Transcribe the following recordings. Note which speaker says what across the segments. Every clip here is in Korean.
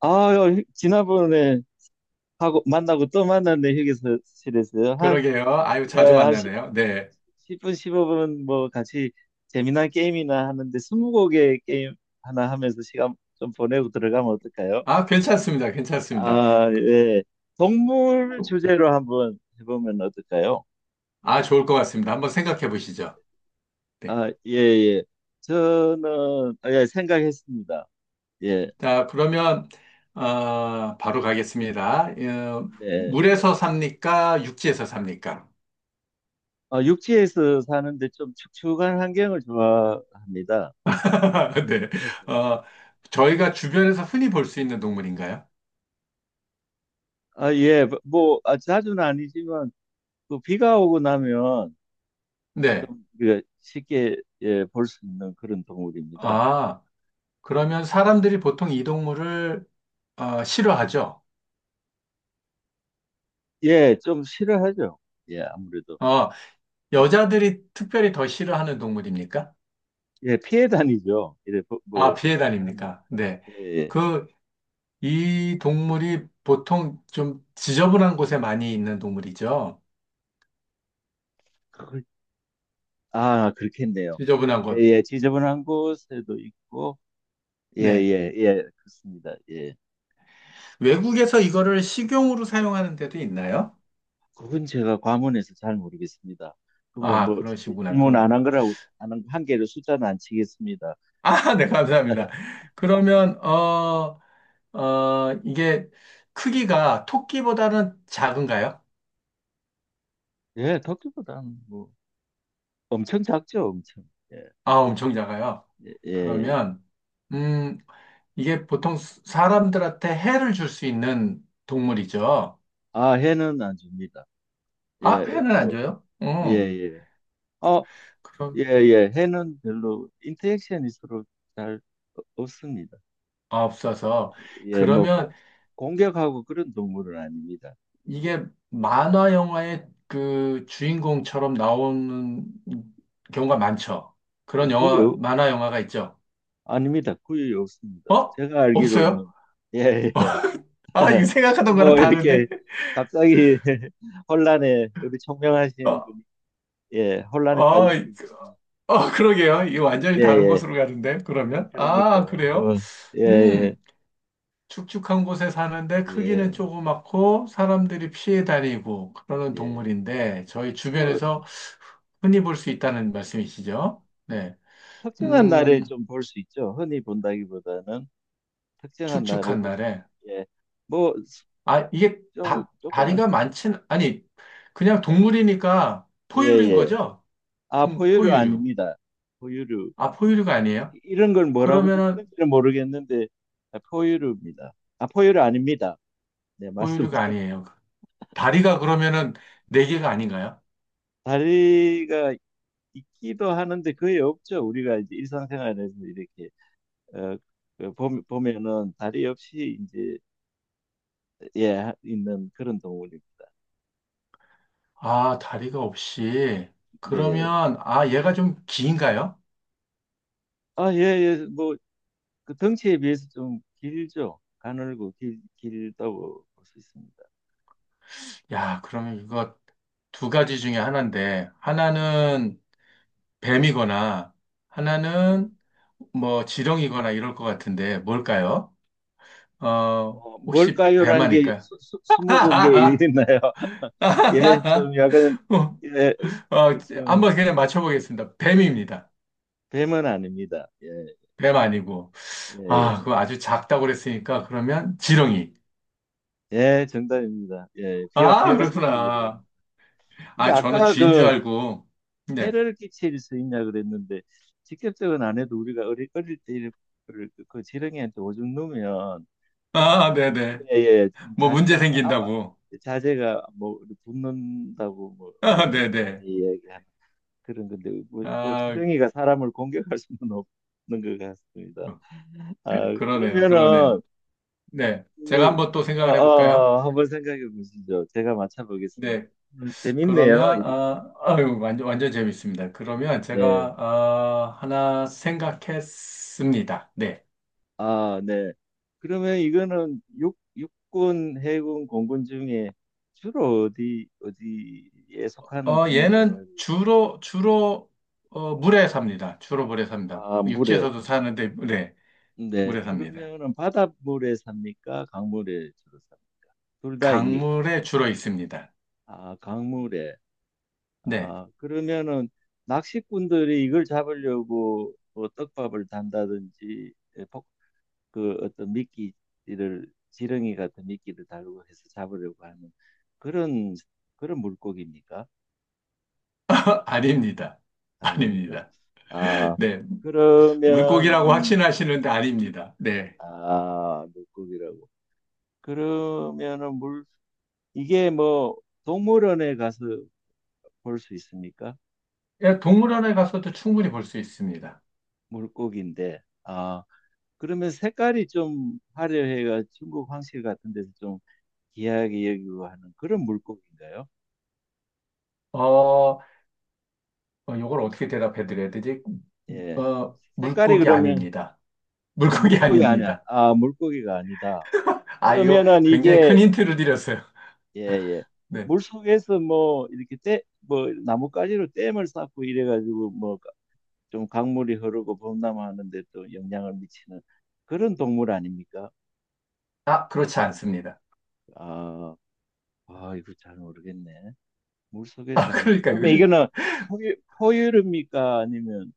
Speaker 1: 아, 요, 지난번에 하고 만나고 또 만났네 휴게실에서요. 한,
Speaker 2: 그러게요. 아유,
Speaker 1: 예,
Speaker 2: 자주
Speaker 1: 한 10,
Speaker 2: 만나네요. 네.
Speaker 1: 분 15분 뭐 같이 재미난 게임이나 하는데 스무고개 게임 하나 하면서 시간 좀 보내고 들어가면 어떨까요?
Speaker 2: 아, 괜찮습니다. 괜찮습니다.
Speaker 1: 아, 예. 동물 주제로 한번 해보면 어떨까요?
Speaker 2: 아, 좋을 것 같습니다. 한번 생각해 보시죠. 네.
Speaker 1: 아, 예, 예. 저는 아, 예, 생각했습니다. 예,
Speaker 2: 자, 그러면, 바로 가겠습니다.
Speaker 1: 네, 예.
Speaker 2: 물에서 삽니까? 육지에서 삽니까?
Speaker 1: 아, 육지에서 사는데 좀 축축한 환경을 좋아합니다.
Speaker 2: 네.
Speaker 1: 예.
Speaker 2: 어, 저희가 주변에서 흔히 볼 수 있는 동물인가요?
Speaker 1: 아, 예, 뭐, 아, 자주는 아니지만, 그 비가 오고 나면
Speaker 2: 네.
Speaker 1: 좀 우리가 쉽게 예, 볼 수 있는 그런 동물입니다.
Speaker 2: 아, 그러면 사람들이 보통 이 동물을, 싫어하죠?
Speaker 1: 예, 좀 싫어하죠. 예, 아무래도.
Speaker 2: 어, 여자들이 특별히 더 싫어하는 동물입니까?
Speaker 1: 예, 피해 다니죠. 이래, 뭐,
Speaker 2: 아, 피해
Speaker 1: 하면.
Speaker 2: 다닙니까? 네.
Speaker 1: 예, 예.
Speaker 2: 그, 이 동물이 보통 좀 지저분한 곳에 많이 있는 동물이죠.
Speaker 1: 그- 아, 그렇겠네요.
Speaker 2: 지저분한
Speaker 1: 예,
Speaker 2: 곳.
Speaker 1: 예, 지저분한 곳에도 있고, 예,
Speaker 2: 네.
Speaker 1: 예, 예, 그렇습니다. 예.
Speaker 2: 외국에서 이거를 식용으로 사용하는 데도 있나요?
Speaker 1: 그건 제가 과문해서 잘 모르겠습니다. 그, 뭐,
Speaker 2: 아,
Speaker 1: 뭐,
Speaker 2: 그러시구나.
Speaker 1: 질문
Speaker 2: 그럼.
Speaker 1: 안 한 거라고, 안 한 개를 숫자는 안 치겠습니다.
Speaker 2: 아, 네, 감사합니다. 그러면, 이게 크기가 토끼보다는 작은가요?
Speaker 1: 예, 토끼보다는 뭐 엄청 작죠, 엄청. 예,
Speaker 2: 아, 엄청 작아요.
Speaker 1: 예.
Speaker 2: 그러면, 음, 이게 보통 사람들한테 해를 줄 수 있는 동물이죠.
Speaker 1: 아, 해는 안 줍니다.
Speaker 2: 아,
Speaker 1: 예,
Speaker 2: 회는 안
Speaker 1: 뭐,
Speaker 2: 줘요?
Speaker 1: 예,
Speaker 2: 응.
Speaker 1: 예. 어, 예,
Speaker 2: 그럼,
Speaker 1: 예. 해는 별로 인터랙션이 서로 잘 없습니다.
Speaker 2: 아, 없어서.
Speaker 1: 예, 뭐
Speaker 2: 그러면
Speaker 1: 공격하고 그런 동물은 아닙니다.
Speaker 2: 이게 만화 영화의 그 주인공처럼 나오는 경우가 많죠.
Speaker 1: 어,
Speaker 2: 그런 영화, 만화 영화가 있죠.
Speaker 1: 아닙니다. 거의 없습니다.
Speaker 2: 어?
Speaker 1: 제가
Speaker 2: 없어요?
Speaker 1: 알기로는 예, 예.
Speaker 2: 아, 이거 생각하던 거랑
Speaker 1: 뭐 이렇게
Speaker 2: 다른데?
Speaker 1: 갑자기 혼란에 우리 총명하신
Speaker 2: 어,
Speaker 1: 분이 예, 혼란에
Speaker 2: 어,
Speaker 1: 빠지신 분이
Speaker 2: 그러게요. 이거
Speaker 1: 예,
Speaker 2: 완전히 다른
Speaker 1: 예.
Speaker 2: 곳으로 가는데, 그러면?
Speaker 1: 그러니까
Speaker 2: 아, 그래요?
Speaker 1: 뭐 예, 예,
Speaker 2: 음, 축축한 곳에 사는데 크기는
Speaker 1: 예,
Speaker 2: 조그맣고 사람들이 피해 다니고 그러는
Speaker 1: 예.
Speaker 2: 동물인데 저희
Speaker 1: 뭐
Speaker 2: 주변에서 흔히 볼 수 있다는 말씀이시죠? 네.
Speaker 1: 특정한 날에
Speaker 2: 음,
Speaker 1: 좀 볼 수 있죠. 흔히 본다기보다는 특정한 날에
Speaker 2: 축축한
Speaker 1: 볼 수.
Speaker 2: 날에.
Speaker 1: 예. 뭐
Speaker 2: 아, 이게
Speaker 1: 좀
Speaker 2: 다,
Speaker 1: 조금만
Speaker 2: 다리가 많진, 아니, 그냥 동물이니까
Speaker 1: 예,
Speaker 2: 포유류인
Speaker 1: 예.
Speaker 2: 거죠?
Speaker 1: 아, 포유류
Speaker 2: 포유류.
Speaker 1: 아닙니다. 포유류.
Speaker 2: 아, 포유류가 아니에요?
Speaker 1: 이런 걸 뭐라고
Speaker 2: 그러면은
Speaker 1: 부르는지는 모르겠는데 아, 포유류입니다. 아, 포유류 아닙니다. 네, 말씀
Speaker 2: 포유류가 아니에요. 다리가 그러면은 네 개가 아닌가요?
Speaker 1: 다리가 있기도 하는데 거의 없죠. 우리가 이제 일상생활에서 이렇게 어, 그 보면은 다리 없이 이제 예 있는 그런 동물입니다.
Speaker 2: 아, 다리가 없이.
Speaker 1: 네.
Speaker 2: 그러면, 아, 얘가 좀 긴가요?
Speaker 1: 아, 예, 예. 뭐, 그 덩치에 비해서 좀 길죠. 가늘고 길다고 볼 수 있습니다.
Speaker 2: 야, 그러면 이거 두 가지 중에 하나인데,
Speaker 1: 음,
Speaker 2: 하나는 뱀이거나
Speaker 1: 예.
Speaker 2: 하나는 뭐 지렁이거나 이럴 것 같은데 뭘까요?
Speaker 1: 어,
Speaker 2: 혹시 뱀
Speaker 1: 뭘까요라는 게
Speaker 2: 아닐까요?
Speaker 1: 스무 공개 있나요? 예, 좀 약간, 예, 어,
Speaker 2: 어,
Speaker 1: 그 좀,
Speaker 2: 한번 그냥 맞춰보겠습니다. 뱀입니다.
Speaker 1: 뱀은 아닙니다. 예,
Speaker 2: 뱀 아니고. 아,
Speaker 1: 예,
Speaker 2: 그거 아주 작다고 그랬으니까 그러면 지렁이.
Speaker 1: 예, 예, 정답입니다. 예, 비
Speaker 2: 아,
Speaker 1: 왔을 때. 이런.
Speaker 2: 그렇구나.
Speaker 1: 근데
Speaker 2: 아, 저는
Speaker 1: 아까
Speaker 2: 쥐인 줄
Speaker 1: 그,
Speaker 2: 알고. 네.
Speaker 1: 해를 끼칠 수 있냐 그랬는데 직접적은 안 해도 우리가 어릴 때 이를 그 지렁이한테 오줌 누면
Speaker 2: 아, 네네.
Speaker 1: 예예 좀
Speaker 2: 뭐
Speaker 1: 자제
Speaker 2: 문제
Speaker 1: 가 아파
Speaker 2: 생긴다고.
Speaker 1: 자제가 뭐 붙는다고 뭐
Speaker 2: 아,
Speaker 1: 어른들이 많이
Speaker 2: 네네.
Speaker 1: 이야기하는 그런 건데 뭐
Speaker 2: 아,
Speaker 1: 지렁이가 사람을 공격할 수는 없는 것 같습니다. 아
Speaker 2: 그러네요. 그러네요.
Speaker 1: 그러면은
Speaker 2: 네. 제가
Speaker 1: 그
Speaker 2: 한번 또 생각을 해볼까요?
Speaker 1: 어, 한번 생각해 보시죠. 제가 맞춰보겠습니다.
Speaker 2: 네.
Speaker 1: 오늘
Speaker 2: 그러면,
Speaker 1: 재밌네요. 이렇게.
Speaker 2: 아, 아유, 완전, 완전 재밌습니다. 그러면
Speaker 1: 예.
Speaker 2: 제가, 아, 하나 생각했습니다. 네.
Speaker 1: 아, 네. 그러면 이거는 육군, 해군, 공군 중에 주로 어디에 속하는 동물이라고 합
Speaker 2: 얘는
Speaker 1: 니
Speaker 2: 주로, 물에 삽니다. 주로 물에 삽니다.
Speaker 1: 아, 물에.
Speaker 2: 육지에서도 사는데, 네.
Speaker 1: 네.
Speaker 2: 물에 삽니다.
Speaker 1: 그러면은 바닷물에 삽니까? 강물에 주로 삽니까? 둘 다입니까? 네.
Speaker 2: 강물에 주로 있습니다.
Speaker 1: 아, 강물에.
Speaker 2: 네.
Speaker 1: 아, 그러면은 낚시꾼들이 이걸 잡으려고 뭐 떡밥을 단다든지 그 어떤 미끼를 지렁이 같은 미끼를 달고 해서 잡으려고 하는 그런 그런 물고기입니까?
Speaker 2: 아닙니다.
Speaker 1: 아닙니까?
Speaker 2: 아닙니다.
Speaker 1: 아
Speaker 2: 네.
Speaker 1: 그러
Speaker 2: 물고기라고
Speaker 1: 면
Speaker 2: 확신하시는데 아닙니다. 네.
Speaker 1: 아 물고기라고 그러면은 물 이게 뭐 동물원에 가서 볼 수 있습니까?
Speaker 2: 예, 동물원에 가서도 충분히 볼 수 있습니다.
Speaker 1: 물고기인데 아 그러면 색깔이 좀 화려해가 중국 황실 같은 데서 좀 귀하게 여기고 하는 그런 물고기인가요?
Speaker 2: 어, 요걸 어떻게 대답해 드려야 되지?
Speaker 1: 예 색깔이
Speaker 2: 물고기
Speaker 1: 그러면
Speaker 2: 아닙니다.
Speaker 1: 아,
Speaker 2: 물고기
Speaker 1: 물고기 아니야.
Speaker 2: 아닙니다.
Speaker 1: 아, 물고기가 아니다.
Speaker 2: 아, 이거
Speaker 1: 그러면은
Speaker 2: 굉장히
Speaker 1: 이게,
Speaker 2: 큰 힌트를 드렸어요.
Speaker 1: 예, 예.
Speaker 2: 네.
Speaker 1: 물 속에서 뭐, 이렇게 떼 뭐, 나뭇가지로 댐을 쌓고 이래가지고, 뭐, 좀 강물이 흐르고 범람하는데 또 영향을 미치는 그런 동물 아닙니까?
Speaker 2: 아, 그렇지 않습니다.
Speaker 1: 아, 아, 이거 잘 모르겠네. 물 속에
Speaker 2: 아,
Speaker 1: 사는.
Speaker 2: 그러니까
Speaker 1: 그러면 이거는 포유류입니까? 아니면,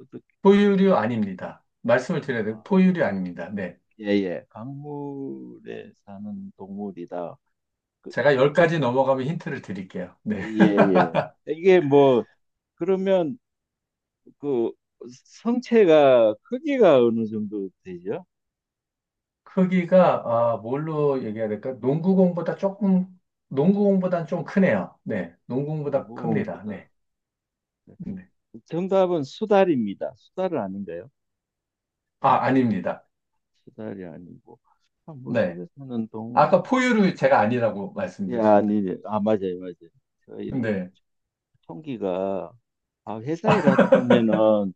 Speaker 1: 어떻게,
Speaker 2: 포유류 아닙니다. 말씀을 드려야 돼요. 포유류 아닙니다. 네.
Speaker 1: 예, 예. 강물에 사는 동물이다. 그,
Speaker 2: 제가 10가지 넘어가면 힌트를 드릴게요. 네.
Speaker 1: 예, 예. 이게 뭐, 그러면 그 성체가 크기가 어느 정도 되죠?
Speaker 2: 크기가 아, 뭘로 얘기해야 될까? 농구공보다 조금 농구공보다는 좀 크네요. 네. 농구공보다 큽니다.
Speaker 1: 농구공보다.
Speaker 2: 네. 네.
Speaker 1: 정답은 수달입니다. 수달은 아닌가요?
Speaker 2: 아, 아닙니다.
Speaker 1: 수달이 아니고. 아,
Speaker 2: 네.
Speaker 1: 물속에 사는 동물.
Speaker 2: 아까 포유류 제가 아니라고
Speaker 1: 야,
Speaker 2: 말씀드렸습니다.
Speaker 1: 아니, 예, 아, 맞아요, 맞아요. 제가 이렇게
Speaker 2: 네,
Speaker 1: 총기가, 아, 회사 일하다 보면은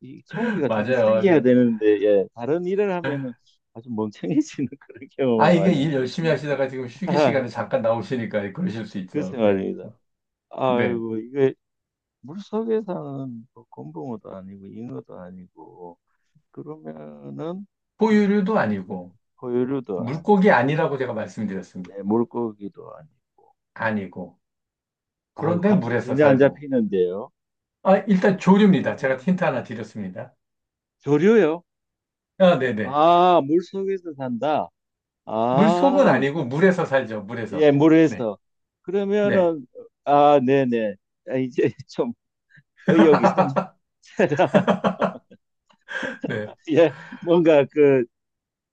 Speaker 1: 이 총기가 더
Speaker 2: 맞아요,
Speaker 1: 생겨야
Speaker 2: 맞아요.
Speaker 1: 되는데, 예, 다른 일을 하면은 아주 멍청해지는 그런
Speaker 2: 아,
Speaker 1: 경험을
Speaker 2: 이게
Speaker 1: 많이
Speaker 2: 일
Speaker 1: 합니다.
Speaker 2: 열심히 하시다가 지금 휴게
Speaker 1: 아,
Speaker 2: 시간에 잠깐 나오시니까 그러실 수
Speaker 1: 그
Speaker 2: 있죠. 네.
Speaker 1: 생활입니다.
Speaker 2: 네.
Speaker 1: 아이고, 이거 물속에 사는 뭐 곰붕어도 아니고 잉어도 아니고 그러면은 물속
Speaker 2: 포유류도
Speaker 1: 네,
Speaker 2: 아니고,
Speaker 1: 포유류도 아니
Speaker 2: 물고기 아니라고 제가 말씀드렸습니다.
Speaker 1: 예, 물고기도 아니
Speaker 2: 아니고.
Speaker 1: 아유
Speaker 2: 그런데
Speaker 1: 감이
Speaker 2: 물에서
Speaker 1: 전혀 안
Speaker 2: 살고.
Speaker 1: 잡히는데요
Speaker 2: 아, 일단 조류입니다. 제가
Speaker 1: 음,
Speaker 2: 힌트 하나 드렸습니다.
Speaker 1: 조류요
Speaker 2: 아, 네네.
Speaker 1: 아 물속에서 산다
Speaker 2: 물속은
Speaker 1: 아
Speaker 2: 아니고 물에서 살죠. 물에서.
Speaker 1: 예
Speaker 2: 네.
Speaker 1: 물에서
Speaker 2: 네.
Speaker 1: 그러면은 아 네네 아, 이제 좀 의욕이 샘니다
Speaker 2: 네.
Speaker 1: 예 뭔가 그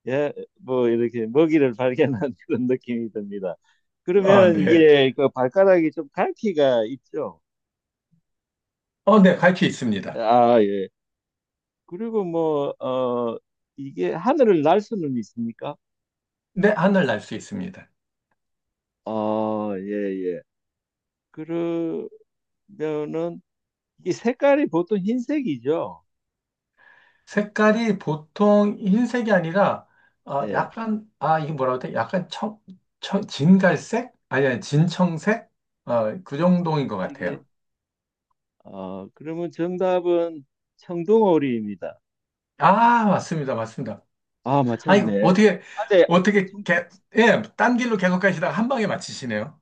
Speaker 1: 예, 뭐 이렇게 먹이를 발견한 그런 느낌이 듭니다.
Speaker 2: 아,
Speaker 1: 그러면은
Speaker 2: 네.
Speaker 1: 이게 그 발가락이 좀 갈퀴가 있죠.
Speaker 2: 어, 네. 갈 수 있습니다.
Speaker 1: 아, 예. 그리고 뭐, 어, 이게 하늘을 날 수는 있습니까?
Speaker 2: 네, 하늘 날 수 있습니다.
Speaker 1: 아, 예, 예. 그러면은 이게 색깔이 보통 흰색이죠.
Speaker 2: 색깔이 보통 흰색이 아니라
Speaker 1: 네.
Speaker 2: 약간 아 이게 뭐라고 해야 돼? 약간 청 진갈색? 아니 아니 진청색? 그 정도인 것 같아요.
Speaker 1: 이게 어, 그러면 정답은 청둥오리입니다.
Speaker 2: 아 맞습니다 맞습니다.
Speaker 1: 아,
Speaker 2: 아이
Speaker 1: 맞췄네.
Speaker 2: 어떻게
Speaker 1: 아재,
Speaker 2: 어떻게 예, 딴 길로 계속 가시다가 한 방에 맞히시네요.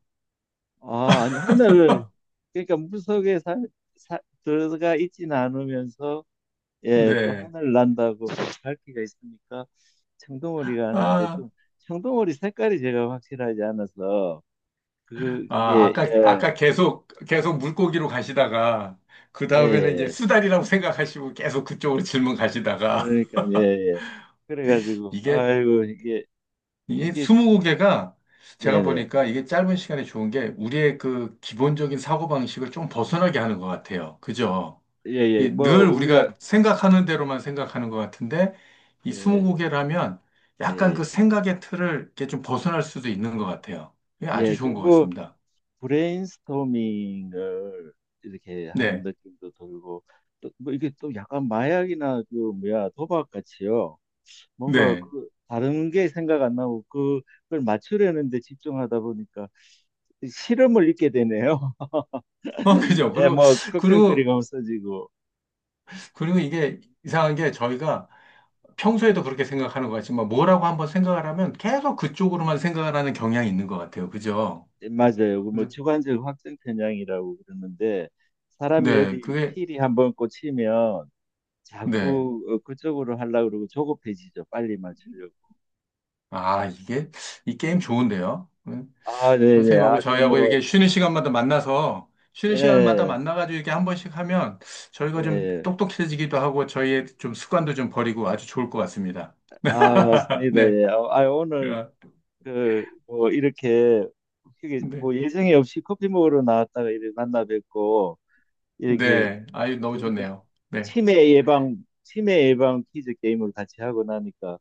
Speaker 1: 아, 아니, 하늘을, 그러니까 물속에 살- 들어가 있지는 않으면서, 예, 또
Speaker 2: 네.
Speaker 1: 하늘 난다고 밝기가 있으니까, 청둥오리가 하는데
Speaker 2: 아,
Speaker 1: 좀, 청둥오리 색깔이 제가 확실하지 않아서, 그,
Speaker 2: 아
Speaker 1: 이게,
Speaker 2: 아까
Speaker 1: 예,
Speaker 2: 아까 계속 계속 물고기로 가시다가 그
Speaker 1: 예,
Speaker 2: 다음에는 이제
Speaker 1: 예.
Speaker 2: 수달이라고 생각하시고 계속 그쪽으로 질문 가시다가
Speaker 1: 그러니까, 예, 예. 그래가지고,
Speaker 2: 이게
Speaker 1: 아이고, 이게,
Speaker 2: 이게
Speaker 1: 이게,
Speaker 2: 무고개가 제가
Speaker 1: 네네.
Speaker 2: 보니까 이게 짧은 시간에 좋은 게 우리의 그 기본적인 사고방식을 좀 벗어나게 하는 것 같아요. 그죠?
Speaker 1: 예, 예. 뭐,
Speaker 2: 이늘
Speaker 1: 우리가,
Speaker 2: 우리가 생각하는 대로만 생각하는 것 같은데 이무
Speaker 1: 예,
Speaker 2: 고개라면
Speaker 1: 예,
Speaker 2: 약간 그
Speaker 1: 예.
Speaker 2: 생각의 틀을 이렇게 좀 벗어날 수도 있는 것 같아요. 이게 아주
Speaker 1: 예, 그
Speaker 2: 좋은 것
Speaker 1: 뭐,
Speaker 2: 같습니다.
Speaker 1: 브레인스토밍을 이렇게 하는
Speaker 2: 네.
Speaker 1: 느낌도 들고 또 뭐 이게 또 약간 마약이나 그 뭐야 도박 같이요. 뭔가
Speaker 2: 네.
Speaker 1: 그 다른 게 생각 안 나고 그걸 맞추려는데 집중하다 보니까 실험을 잊게 되네요.
Speaker 2: 그죠?
Speaker 1: 예,
Speaker 2: 그리고,
Speaker 1: 뭐
Speaker 2: 그리고,
Speaker 1: 걱정거리가 없어지고
Speaker 2: 이게 이상한 게 저희가 평소에도 그렇게 생각하는 것 같지만 뭐라고 한번 생각을 하면 계속 그쪽으로만 생각을 하는 경향이 있는 것 같아요. 그죠?
Speaker 1: 예, 맞아요. 그뭐
Speaker 2: 네,
Speaker 1: 주관적 확정 편향이라고 그러는데 사람이
Speaker 2: 네,
Speaker 1: 어디
Speaker 2: 그게,
Speaker 1: 필이 한번 꽂히면
Speaker 2: 네.
Speaker 1: 자꾸 어, 그쪽으로 하려고 그러고 조급해지죠. 빨리 맞추려고.
Speaker 2: 아, 이게, 이 게임 좋은데요?
Speaker 1: 아, 네네.
Speaker 2: 선생님하고
Speaker 1: 아주
Speaker 2: 저희하고
Speaker 1: 뭐,
Speaker 2: 이렇게 쉬는 시간마다 만나서, 쉬는 시간마다
Speaker 1: 예,
Speaker 2: 만나가지고 이렇게 한 번씩 하면 저희가 좀
Speaker 1: 예.
Speaker 2: 똑똑해지기도 하고 저희의 좀 습관도 좀 버리고 아주 좋을 것 같습니다.
Speaker 1: 아, 맞습니다.
Speaker 2: 네.
Speaker 1: 예. 아, 아, 오늘,
Speaker 2: 아,
Speaker 1: 그, 뭐, 이렇게, 이게 뭐,
Speaker 2: 네.
Speaker 1: 예정이 없이 커피 먹으러 나왔다가 이렇게 만나 뵙고, 이렇게,
Speaker 2: 네. 아유, 너무
Speaker 1: 두-
Speaker 2: 좋네요. 네.
Speaker 1: 치매 예방, 치매 예방 퀴즈 게임을 같이 하고 나니까,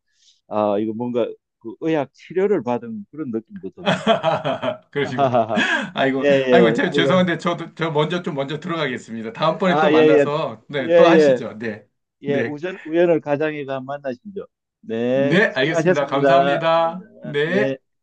Speaker 1: 아, 이거 뭔가, 그 의학 치료를 받은 그런 느낌도 듭니다. 하
Speaker 2: 그러시구나.
Speaker 1: 하하
Speaker 2: 아이고,
Speaker 1: 예,
Speaker 2: 아이고,
Speaker 1: 예. 아이고,
Speaker 2: 죄송한데 저 먼저 좀 먼저 들어가겠습니다. 다음번에 또
Speaker 1: 아, 예, 예.
Speaker 2: 만나서,
Speaker 1: 예,
Speaker 2: 네, 또
Speaker 1: 예.
Speaker 2: 하시죠. 네.
Speaker 1: 예,
Speaker 2: 네.
Speaker 1: 우연을 가장해가 만나시죠. 네,
Speaker 2: 네, 알겠습니다.
Speaker 1: 수고하셨습니다. 네.
Speaker 2: 감사합니다. 네.
Speaker 1: 네.